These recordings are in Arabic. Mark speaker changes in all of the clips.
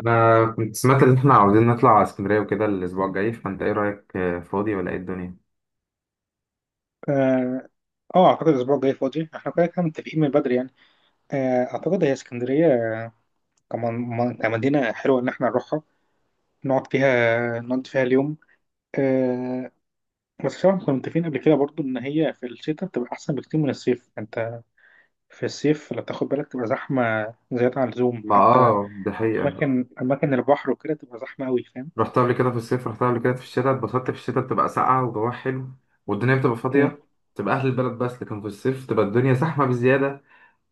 Speaker 1: انا كنت سمعت ان احنا عاوزين نطلع على اسكندريه وكده الاسبوع الجاي، فانت ايه رايك؟ فاضي ولا ايه الدنيا؟
Speaker 2: اه اعتقد الاسبوع الجاي فاضي. احنا كده كده متفقين من بدري يعني. اعتقد هي اسكندريه، كمان كمدينه حلوه ان احنا نروحها، نقعد فيها اليوم. آه، بس طبعا كنا متفقين قبل كده برضو ان هي في الشتاء بتبقى احسن بكتير من الصيف. انت في الصيف لو تاخد بالك تبقى زحمه زياده عن اللزوم،
Speaker 1: ما
Speaker 2: حتى
Speaker 1: ده حقيقه.
Speaker 2: اماكن البحر وكده تبقى زحمه قوي، فاهم.
Speaker 1: رحت قبل كده في الصيف، رحت قبل كده في الشتاء، اتبسطت. في الشتاء بتبقى ساقعه وجواها حلو، والدنيا بتبقى
Speaker 2: مم،
Speaker 1: فاضيه، تبقى اهل البلد بس. لكن في الصيف تبقى الدنيا زحمه بزياده،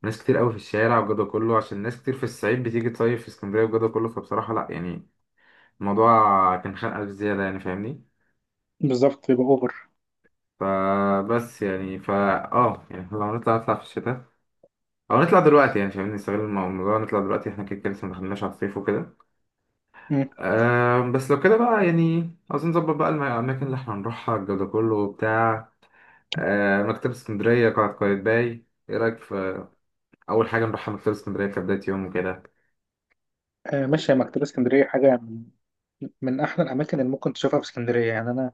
Speaker 1: ناس كتير قوي في الشارع والجو ده كله، عشان ناس كتير في الصعيد بتيجي تصيف في اسكندريه والجو ده كله، فبصراحه لا يعني. الموضوع كان خانقه بزياده يعني، فاهمني؟
Speaker 2: بالظبط، بيبقى اوفر.
Speaker 1: فبس يعني اه يعني لو نطلع نطلع في الشتاء، او نطلع دلوقتي، يعني مش عايزين نستغل الموضوع، نطلع دلوقتي احنا كده كده لسه ما دخلناش على الصيف وكده.
Speaker 2: مم.
Speaker 1: بس لو كده بقى يعني عاوزين نظبط بقى الاماكن اللي احنا هنروحها الجو ده كله وبتاع. مكتبة اسكندرية، قلعة قايتباي، ايه رايك في اول حاجة نروحها مكتبة اسكندرية كبداية يوم وكده؟
Speaker 2: ماشي، يا مكتبه اسكندريه حاجه من احلى الاماكن اللي ممكن تشوفها في اسكندريه يعني. انا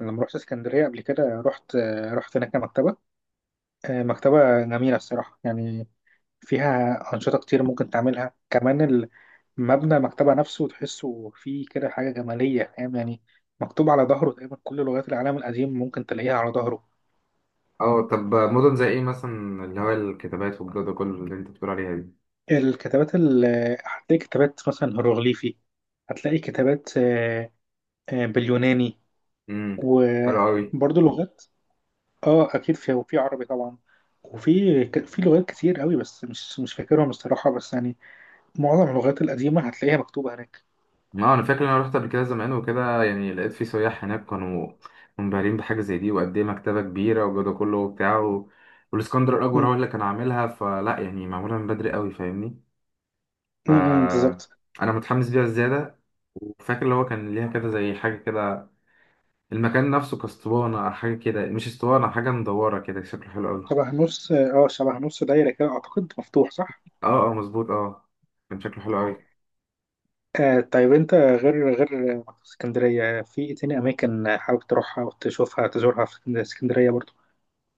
Speaker 2: أنا لما رحت اسكندرية قبل كده رحت هناك مكتبة، مكتبة جميلة الصراحة يعني. فيها أنشطة كتير ممكن تعملها كمان. مبنى المكتبة نفسه تحسه فيه كده حاجة جمالية، فاهم يعني. مكتوب على ظهره تقريبا كل لغات العالم القديم ممكن تلاقيها على ظهره.
Speaker 1: اه طب مدن زي ايه مثلا، اللي هو الكتابات والجو ده كله اللي انت بتقول عليها دي؟
Speaker 2: الكتابات ال... هتلاقي كتابات مثلا هيروغليفي، هتلاقي كتابات باليوناني،
Speaker 1: امم. حلو قوي.
Speaker 2: وبرضه لغات. اه اكيد في، وفي عربي طبعا. في لغات كتير قوي بس مش فاكرهم الصراحه، بس يعني معظم اللغات القديمه هتلاقيها مكتوبه هناك.
Speaker 1: اه انا فاكر ان انا رحت قبل كده زمان وكده، يعني لقيت في سياح هناك كانوا منبهرين بحاجه زي دي، وقد ايه مكتبه كبيره والجو ده كله وبتاع و... والاسكندر الاكبر هو
Speaker 2: م-
Speaker 1: اللي كان عاملها، فلا يعني معموله من بدري قوي، فاهمني؟
Speaker 2: م- م،
Speaker 1: ف
Speaker 2: بالظبط.
Speaker 1: انا متحمس ليها زياده، وفاكر اللي هو كان ليها كده زي حاجه كده، المكان نفسه كاسطوانه او حاجه كده، مش اسطوانه، حاجه مدوره كده، شكله حلو قوي.
Speaker 2: شبه نص، اه شبه نص دايره كده اعتقد، مفتوح، صح.
Speaker 1: اه، اه، مظبوط، اه. كان شكله حلو قوي.
Speaker 2: آه طيب، انت غير مكتبة اسكندريه في ايه تاني اماكن حابب تروحها وتشوفها تزورها في اسكندريه برضو؟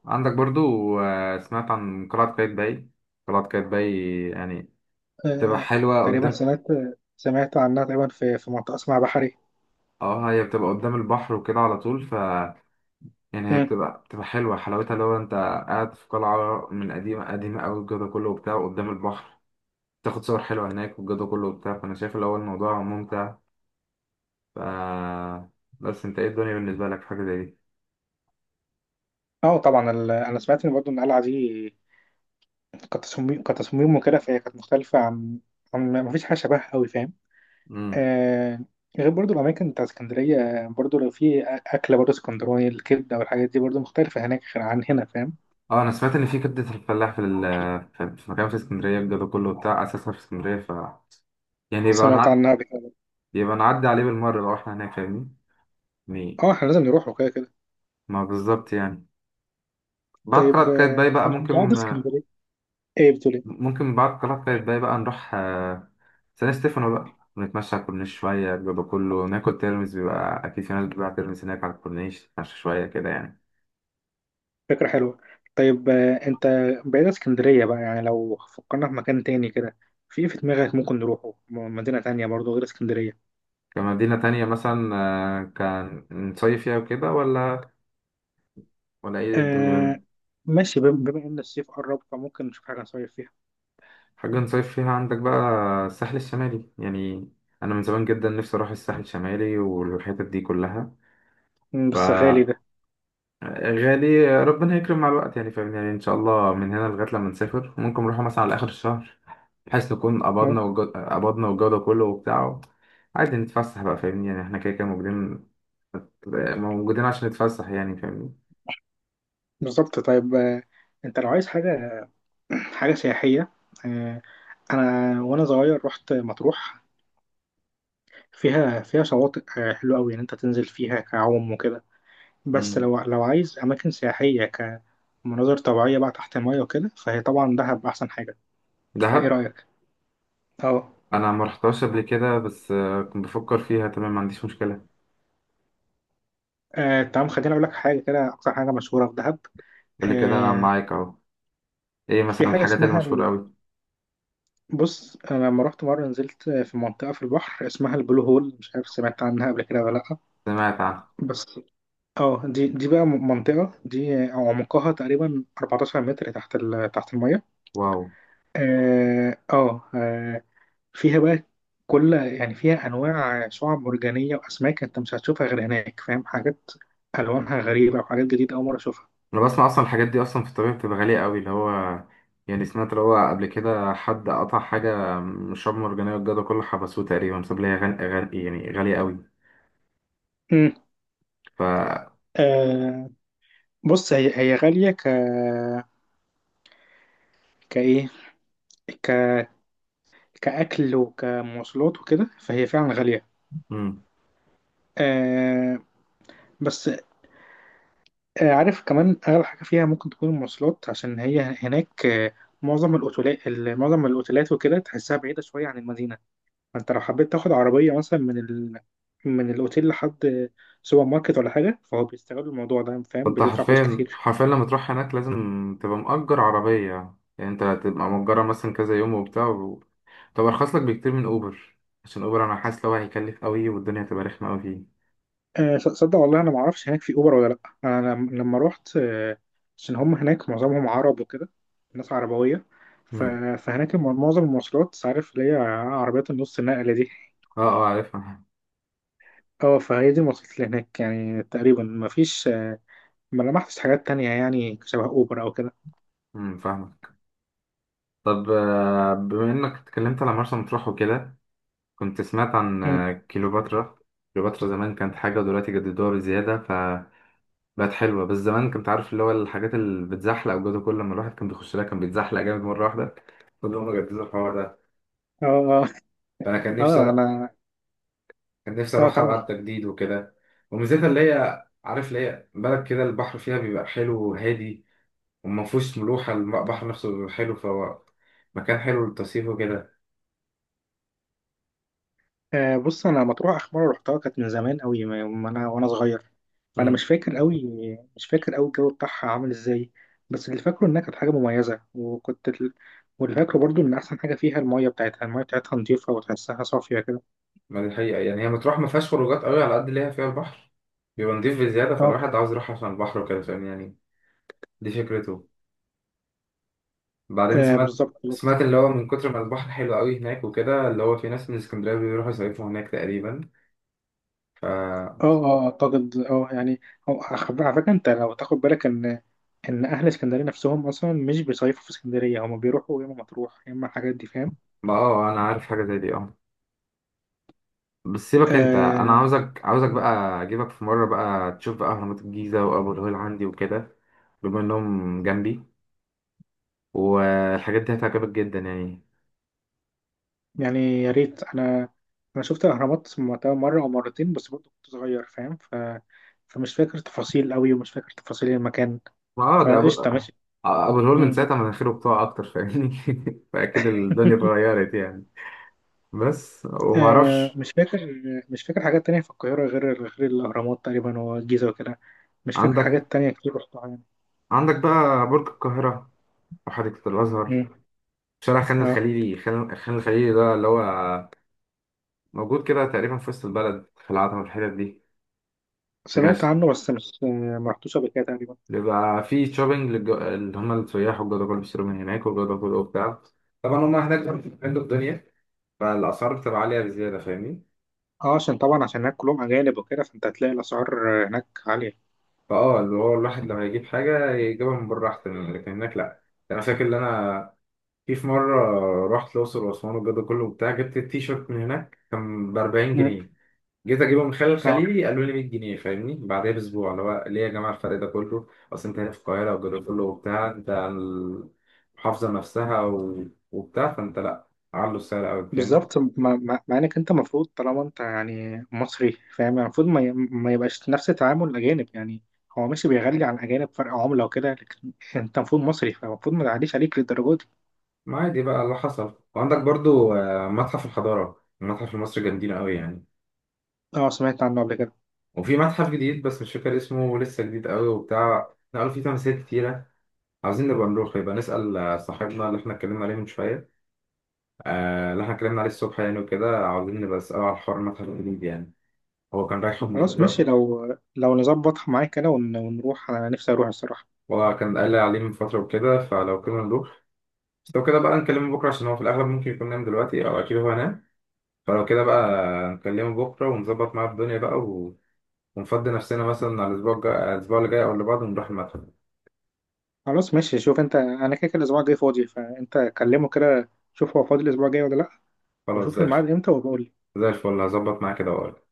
Speaker 1: عندك برضو، سمعت عن قلعه قايتباي. قلعه قايتباي يعني تبقى
Speaker 2: آه،
Speaker 1: حلوة
Speaker 2: تقريبا
Speaker 1: قدام.
Speaker 2: سمعت، سمعت عنها تقريبا في منطقه اسمها بحري.
Speaker 1: اه، هي بتبقى قدام البحر وكده على طول، يعني هي
Speaker 2: م.
Speaker 1: بتبقى بتبقى حلوة، حلاوتها لو انت قاعد في قلعة من قديمة قديمة قوي، الجو ده كله وبتاع قدام البحر، تاخد صور حلوة هناك والجو ده كله وبتاع، فانا شايف اللي هو الموضوع ممتع. ف بس انت ايه الدنيا بالنسبة لك في حاجة زي دي؟
Speaker 2: اه طبعا، انا سمعت ان برضو ان القلعه دي كتصميم وكده، فهي كانت مختلفة عن، عن ما فيش حاجة شبهها أوي، فاهم.
Speaker 1: امم.
Speaker 2: آه، غير برضو الأماكن بتاع اسكندرية، برضو لو في أكلة برضو اسكندراني، الكبدة والحاجات دي برضو مختلفة هناك غير عن هنا، فاهم.
Speaker 1: اه انا سمعت ان في كبدة الفلاح في في مكان في اسكندرية، الجو ده كله وبتاع، اساسها في اسكندرية. يعني
Speaker 2: سمعت عنها قبل كده.
Speaker 1: يبقى نعدي عليه بالمرة لو احنا هناك، فاهمني يعني؟
Speaker 2: اه احنا لازم نروح وكده كده.
Speaker 1: ما بالظبط يعني. بعد كده
Speaker 2: طيب،
Speaker 1: كده باي
Speaker 2: آه،
Speaker 1: بقى
Speaker 2: بعد
Speaker 1: ممكن.
Speaker 2: اسكندرية ايه؟ بتقول ايه؟
Speaker 1: ممكن بعد القلعة القايتباي بقى نروح سان ستيفانو بقى، ونتمشى على الكورنيش شوية، بيبقى كله ناكل ترمس، بيبقى أكيد في ناس بتبيع ترمس هناك على الكورنيش، نتمشى شوية كده يعني.
Speaker 2: فكرة حلوة. طيب آه، انت بعيد عن اسكندرية بقى يعني، لو فكرنا في مكان تاني كده، في إيه في دماغك ممكن نروحه؟ مدينة تانية برضو غير اسكندرية.
Speaker 1: كمدينة تانية مثلا، كان نصيف فيها وكده، ولا ولا إيه
Speaker 2: آه
Speaker 1: الدنيا؟
Speaker 2: ماشي، بما ان الصيف قرب فممكن نشوف حاجه نصيف فيها.
Speaker 1: حاجة نصيف فيها عندك بقى. الساحل الشمالي يعني. أنا من زمان جدا نفسي أروح الساحل الشمالي والحتت دي كلها.
Speaker 2: بس غالي ده.
Speaker 1: غالي، ربنا هيكرم مع الوقت يعني، فاهمني؟ يعني ان شاء الله من هنا لغايه لما نسافر ممكن نروح مثلا على اخر الشهر، بحيث نكون
Speaker 2: ممكن.
Speaker 1: قبضنا والجو ده كله وبتاع، عادي نتفسح بقى، فاهمني؟ يعني احنا كده كده موجودين موجودين عشان نتفسح يعني، فاهمني؟
Speaker 2: بالظبط. طيب آه، انت لو عايز حاجه، حاجه سياحيه، آه انا وانا صغير رحت مطروح، فيها شواطئ آه حلوه قوي، ان انت تنزل فيها كعوم وكده. بس
Speaker 1: مم.
Speaker 2: لو عايز اماكن سياحيه كمناظر طبيعيه بقى تحت الميه وكده، فهي طبعا دهب احسن حاجه. فايه
Speaker 1: دهب.
Speaker 2: رايك؟ اه.
Speaker 1: انا ما رحتهاش قبل كده، بس كنت بفكر فيها، تمام، ما عنديش مشكله.
Speaker 2: تمام، خليني اقول لك حاجه كده. اكتر حاجه مشهوره في دهب
Speaker 1: قول لي كده، انا
Speaker 2: آه،
Speaker 1: معاك اهو. ايه
Speaker 2: في
Speaker 1: مثلا
Speaker 2: حاجه
Speaker 1: الحاجات
Speaker 2: اسمها،
Speaker 1: المشهوره قوي؟
Speaker 2: بص انا لما رحت مره نزلت في منطقه في البحر اسمها البلو هول. مش عارف سمعت عنها قبل كده ولا لا.
Speaker 1: سمعت عنها.
Speaker 2: بس اه دي بقى، منطقه دي عمقها تقريبا 14 متر تحت تحت الميه.
Speaker 1: واو.
Speaker 2: اه اه آه، فيها بقى كل، يعني فيها انواع شعاب مرجانيه واسماك انت مش هتشوفها غير هناك، فاهم، حاجات الوانها غريبه وحاجات جديده اول مره اشوفها.
Speaker 1: انا بسمع اصلا الحاجات دي اصلا في الطبيعي بتبقى غاليه قوي، اللي هو يعني سمعت اللي هو قبل كده حد قطع حاجه من الشعاب المرجانيه والجدع كله حبسوه تقريبا بسبب لها يعني غاليه قوي.
Speaker 2: امم
Speaker 1: ف
Speaker 2: آه بص، هي هي غاليه، ك كايه ك كأكل وكمواصلات وكده، فهي فعلا غالية.
Speaker 1: مم.
Speaker 2: آه بس آه عارف كمان أغلى حاجة فيها ممكن تكون المواصلات، عشان هي هناك آه، معظم الأوتيلات وكده تحسها بعيدة شوية عن المدينة. فأنت لو حبيت تاخد عربية مثلا من من الأوتيل لحد سوبر ماركت ولا حاجة، فهو بيستغلوا الموضوع ده، فاهم،
Speaker 1: فانت
Speaker 2: بتدفع فلوس
Speaker 1: حرفيا
Speaker 2: كتير.
Speaker 1: حرفيا لما تروح هناك لازم تبقى مأجر عربيه، يعني انت تبقى مأجرها مثلا كذا يوم وبتاع و... طب ارخص لك بكتير من اوبر، عشان اوبر انا حاسس لو هيكلف قوي، والدنيا هتبقى رخمه قوي فيه.
Speaker 2: صدق والله انا ما اعرفش هناك في اوبر ولا لا. انا لما رحت عشان هم هناك معظمهم عرب وكده، ناس عربويه. ف-
Speaker 1: مم.
Speaker 2: فهناك معظم المواصلات عارف اللي هي عربيات النص نقله دي.
Speaker 1: اه، اه، عارفها.
Speaker 2: اه فهي دي المواصلات اللي هناك يعني، تقريبا ما فيش ما لمحتش حاجات تانية يعني شبه اوبر او كده.
Speaker 1: مم، فاهمك. طب بما انك اتكلمت على مرسى مطروح وكده، كنت سمعت عن
Speaker 2: مم.
Speaker 1: كيلوباترا. كيلوباترا زمان كانت حاجة ودلوقتي جددوها بزيادة فبقت حلوة، بس زمان كنت عارف اللي هو الحاجات اللي بتزحلق وجوده، كل لما الواحد كان بيخش لها كان بيتزحلق جامد مرة واحدة، فاللي هم جددوا الحوار ده.
Speaker 2: اه اه
Speaker 1: فأنا
Speaker 2: اه انا،
Speaker 1: كان نفسي
Speaker 2: اه
Speaker 1: أروح ألعب
Speaker 2: كمل.
Speaker 1: تجديد وكده، وميزتها اللي هي عارف اللي هي بلد كده البحر فيها بيبقى حلو وهادي، وما فيهوش ملوحة، البحر نفسه بيبقى حلو، فهو مكان حلو للتصيف وكده.
Speaker 2: بص انا مطروح اخر مره رحتها كانت من زمان قوي، ما ما انا وانا صغير، فانا مش فاكر قوي، الجو بتاعها عامل ازاي. بس اللي فاكره انها كانت حاجه مميزه، واللي فاكره برضو ان احسن حاجه فيها الميه بتاعتها، نظيفه وتحسها صافيه كده.
Speaker 1: ما دي حقيقة، يعني هي مطروح ما فيهاش خروجات قوي على قد اللي هي فيها البحر بيبقى نضيف بزيادة،
Speaker 2: اه.
Speaker 1: فالواحد عاوز يروح عشان البحر وكده، فاهم يعني؟ دي فكرته. بعدين
Speaker 2: آه
Speaker 1: سمعت،
Speaker 2: بالظبط بس
Speaker 1: اللي
Speaker 2: اه
Speaker 1: هو من كتر ما البحر حلو قوي هناك وكده، اللي هو في ناس من اسكندرية بيروحوا يصيفوا هناك تقريبا. ف
Speaker 2: اه آه، اعتقد اه يعني، على فكره انت لو تاخد بالك ان، ان اهل اسكندريه نفسهم اصلا مش بيصيفوا في اسكندريه، هم بيروحوا يا اما مطروح يا اما الحاجات دي، فاهم.
Speaker 1: ما انا عارف حاجة زي دي، اه. بس سيبك، انت انا
Speaker 2: آه
Speaker 1: عاوزك عاوزك بقى اجيبك في مرة بقى تشوف بقى اهرامات الجيزة وابو الهول عندي وكده، بما انهم جنبي، والحاجات دي هتعجبك جدا يعني.
Speaker 2: يعني يا ريت. انا، انا شفت الاهرامات وقتها مره او مرتين بس برضه كنت صغير، فاهم فمش فاكر تفاصيل قوي، ومش فاكر تفاصيل المكان.
Speaker 1: ما ده ابو
Speaker 2: فقشطه ماشي.
Speaker 1: ابو الهول من
Speaker 2: مم.
Speaker 1: ساعتها مناخيره بتقع اكتر، فاهمني؟ فاكيد الدنيا اتغيرت يعني. بس وما اعرفش.
Speaker 2: مش فاكر، مش فاكر حاجات تانية في القاهره غير، غير الاهرامات تقريبا والجيزه وكده. مش فاكر
Speaker 1: عندك
Speaker 2: حاجات تانية كتير رحتها يعني.
Speaker 1: عندك بقى برج القاهره او حديقه
Speaker 2: مم.
Speaker 1: الازهر، شارع خان
Speaker 2: اه
Speaker 1: الخليلي. خان خان الخليلي ده اللي هو موجود كده تقريبا في وسط البلد في العتبه والحتت دي، بيبقى
Speaker 2: سمعت عنه، بس مش، ما رحتوش قبل كده تقريبا.
Speaker 1: بيبقى فيه شوبينج اللي هم السياح، والجدعان بيشتروا من هناك، والجدعان وبتاع، طبعا هم هناك بيعملوا الدنيا، فالاسعار بتبقى عاليه بزياده، فاهمني؟
Speaker 2: اه عشان طبعا، عشان هناك كلهم اجانب وكده، فانت هتلاقي الاسعار هناك عاليه.
Speaker 1: فاه اللي هو الواحد لما يجيب حاجة يجيبها من بره أحسن يعني، لكن هناك لأ يعني. أنا فاكر إن أنا في مرة رحت الأقصر وأسوان والجو ده كله وبتاع، جبت التيشيرت من هناك كان بأربعين
Speaker 2: مم.
Speaker 1: جنيه جيت أجيبه من خلال
Speaker 2: اه
Speaker 1: الخليلي قالوا لي 100 جنيه، فاهمني؟ بعدها بأسبوع اللي هو ليه يا جماعة الفرق ده كله؟ أصل أنت هنا في القاهرة والجو ده كله وبتاع، أنت عن المحافظة نفسها و... وبتاع، فأنت لأ، علوا السعر أوي، فاهمني؟
Speaker 2: بالظبط، مع انك انت المفروض، طالما انت يعني مصري فاهم، يعني المفروض ما يبقاش نفس تعامل الاجانب يعني. هو ماشي بيغلي عن الاجانب فرق عمله وكده، لكن انت المفروض مصري فالمفروض ما تعليش عليك للدرجه دي.
Speaker 1: ما عادي بقى اللي حصل. وعندك برضو متحف الحضارة، المتحف المصري، جامدين أوي يعني.
Speaker 2: اه سمعت عنه قبل كده.
Speaker 1: وفي متحف جديد بس مش فاكر اسمه، لسه جديد قوي وبتاع، نقلوا فيه تماثيل كتيرة. عاوزين نبقى نروح، يبقى نسأل صاحبنا اللي احنا اتكلمنا عليه من شوية، اللي احنا اتكلمنا عليه الصبح يعني وكده، عاوزين نبقى نسأله على حوار المتحف الجديد يعني. هو كان رايحه من
Speaker 2: خلاص ماشي،
Speaker 1: فترة،
Speaker 2: لو نظبط معاك كده ونروح، انا نفسي اروح الصراحه.
Speaker 1: وكان قال لي عليه من فترة وكده، فلو كده نروح. بس لو كده بقى نكلمه بكرة، عشان هو في الأغلب ممكن يكون نام دلوقتي، أو أكيد هو نام، فلو كده بقى نكلمه بكرة ونظبط معاه الدنيا بقى و... ونفضي نفسنا مثلا على الأسبوع الجاي، الأسبوع اللي جاي أو اللي بعده، ونروح المتحف.
Speaker 2: خلاص ماشي، شوف انت، انا كده كده الاسبوع الجاي فاضي، فانت كلمه كده شوف هو فاضي الاسبوع الجاي ولا لا،
Speaker 1: خلاص
Speaker 2: وشوف
Speaker 1: زي الفل.
Speaker 2: الميعاد امتى وبقول.
Speaker 1: زي الفل هظبط معاه كده وأقول.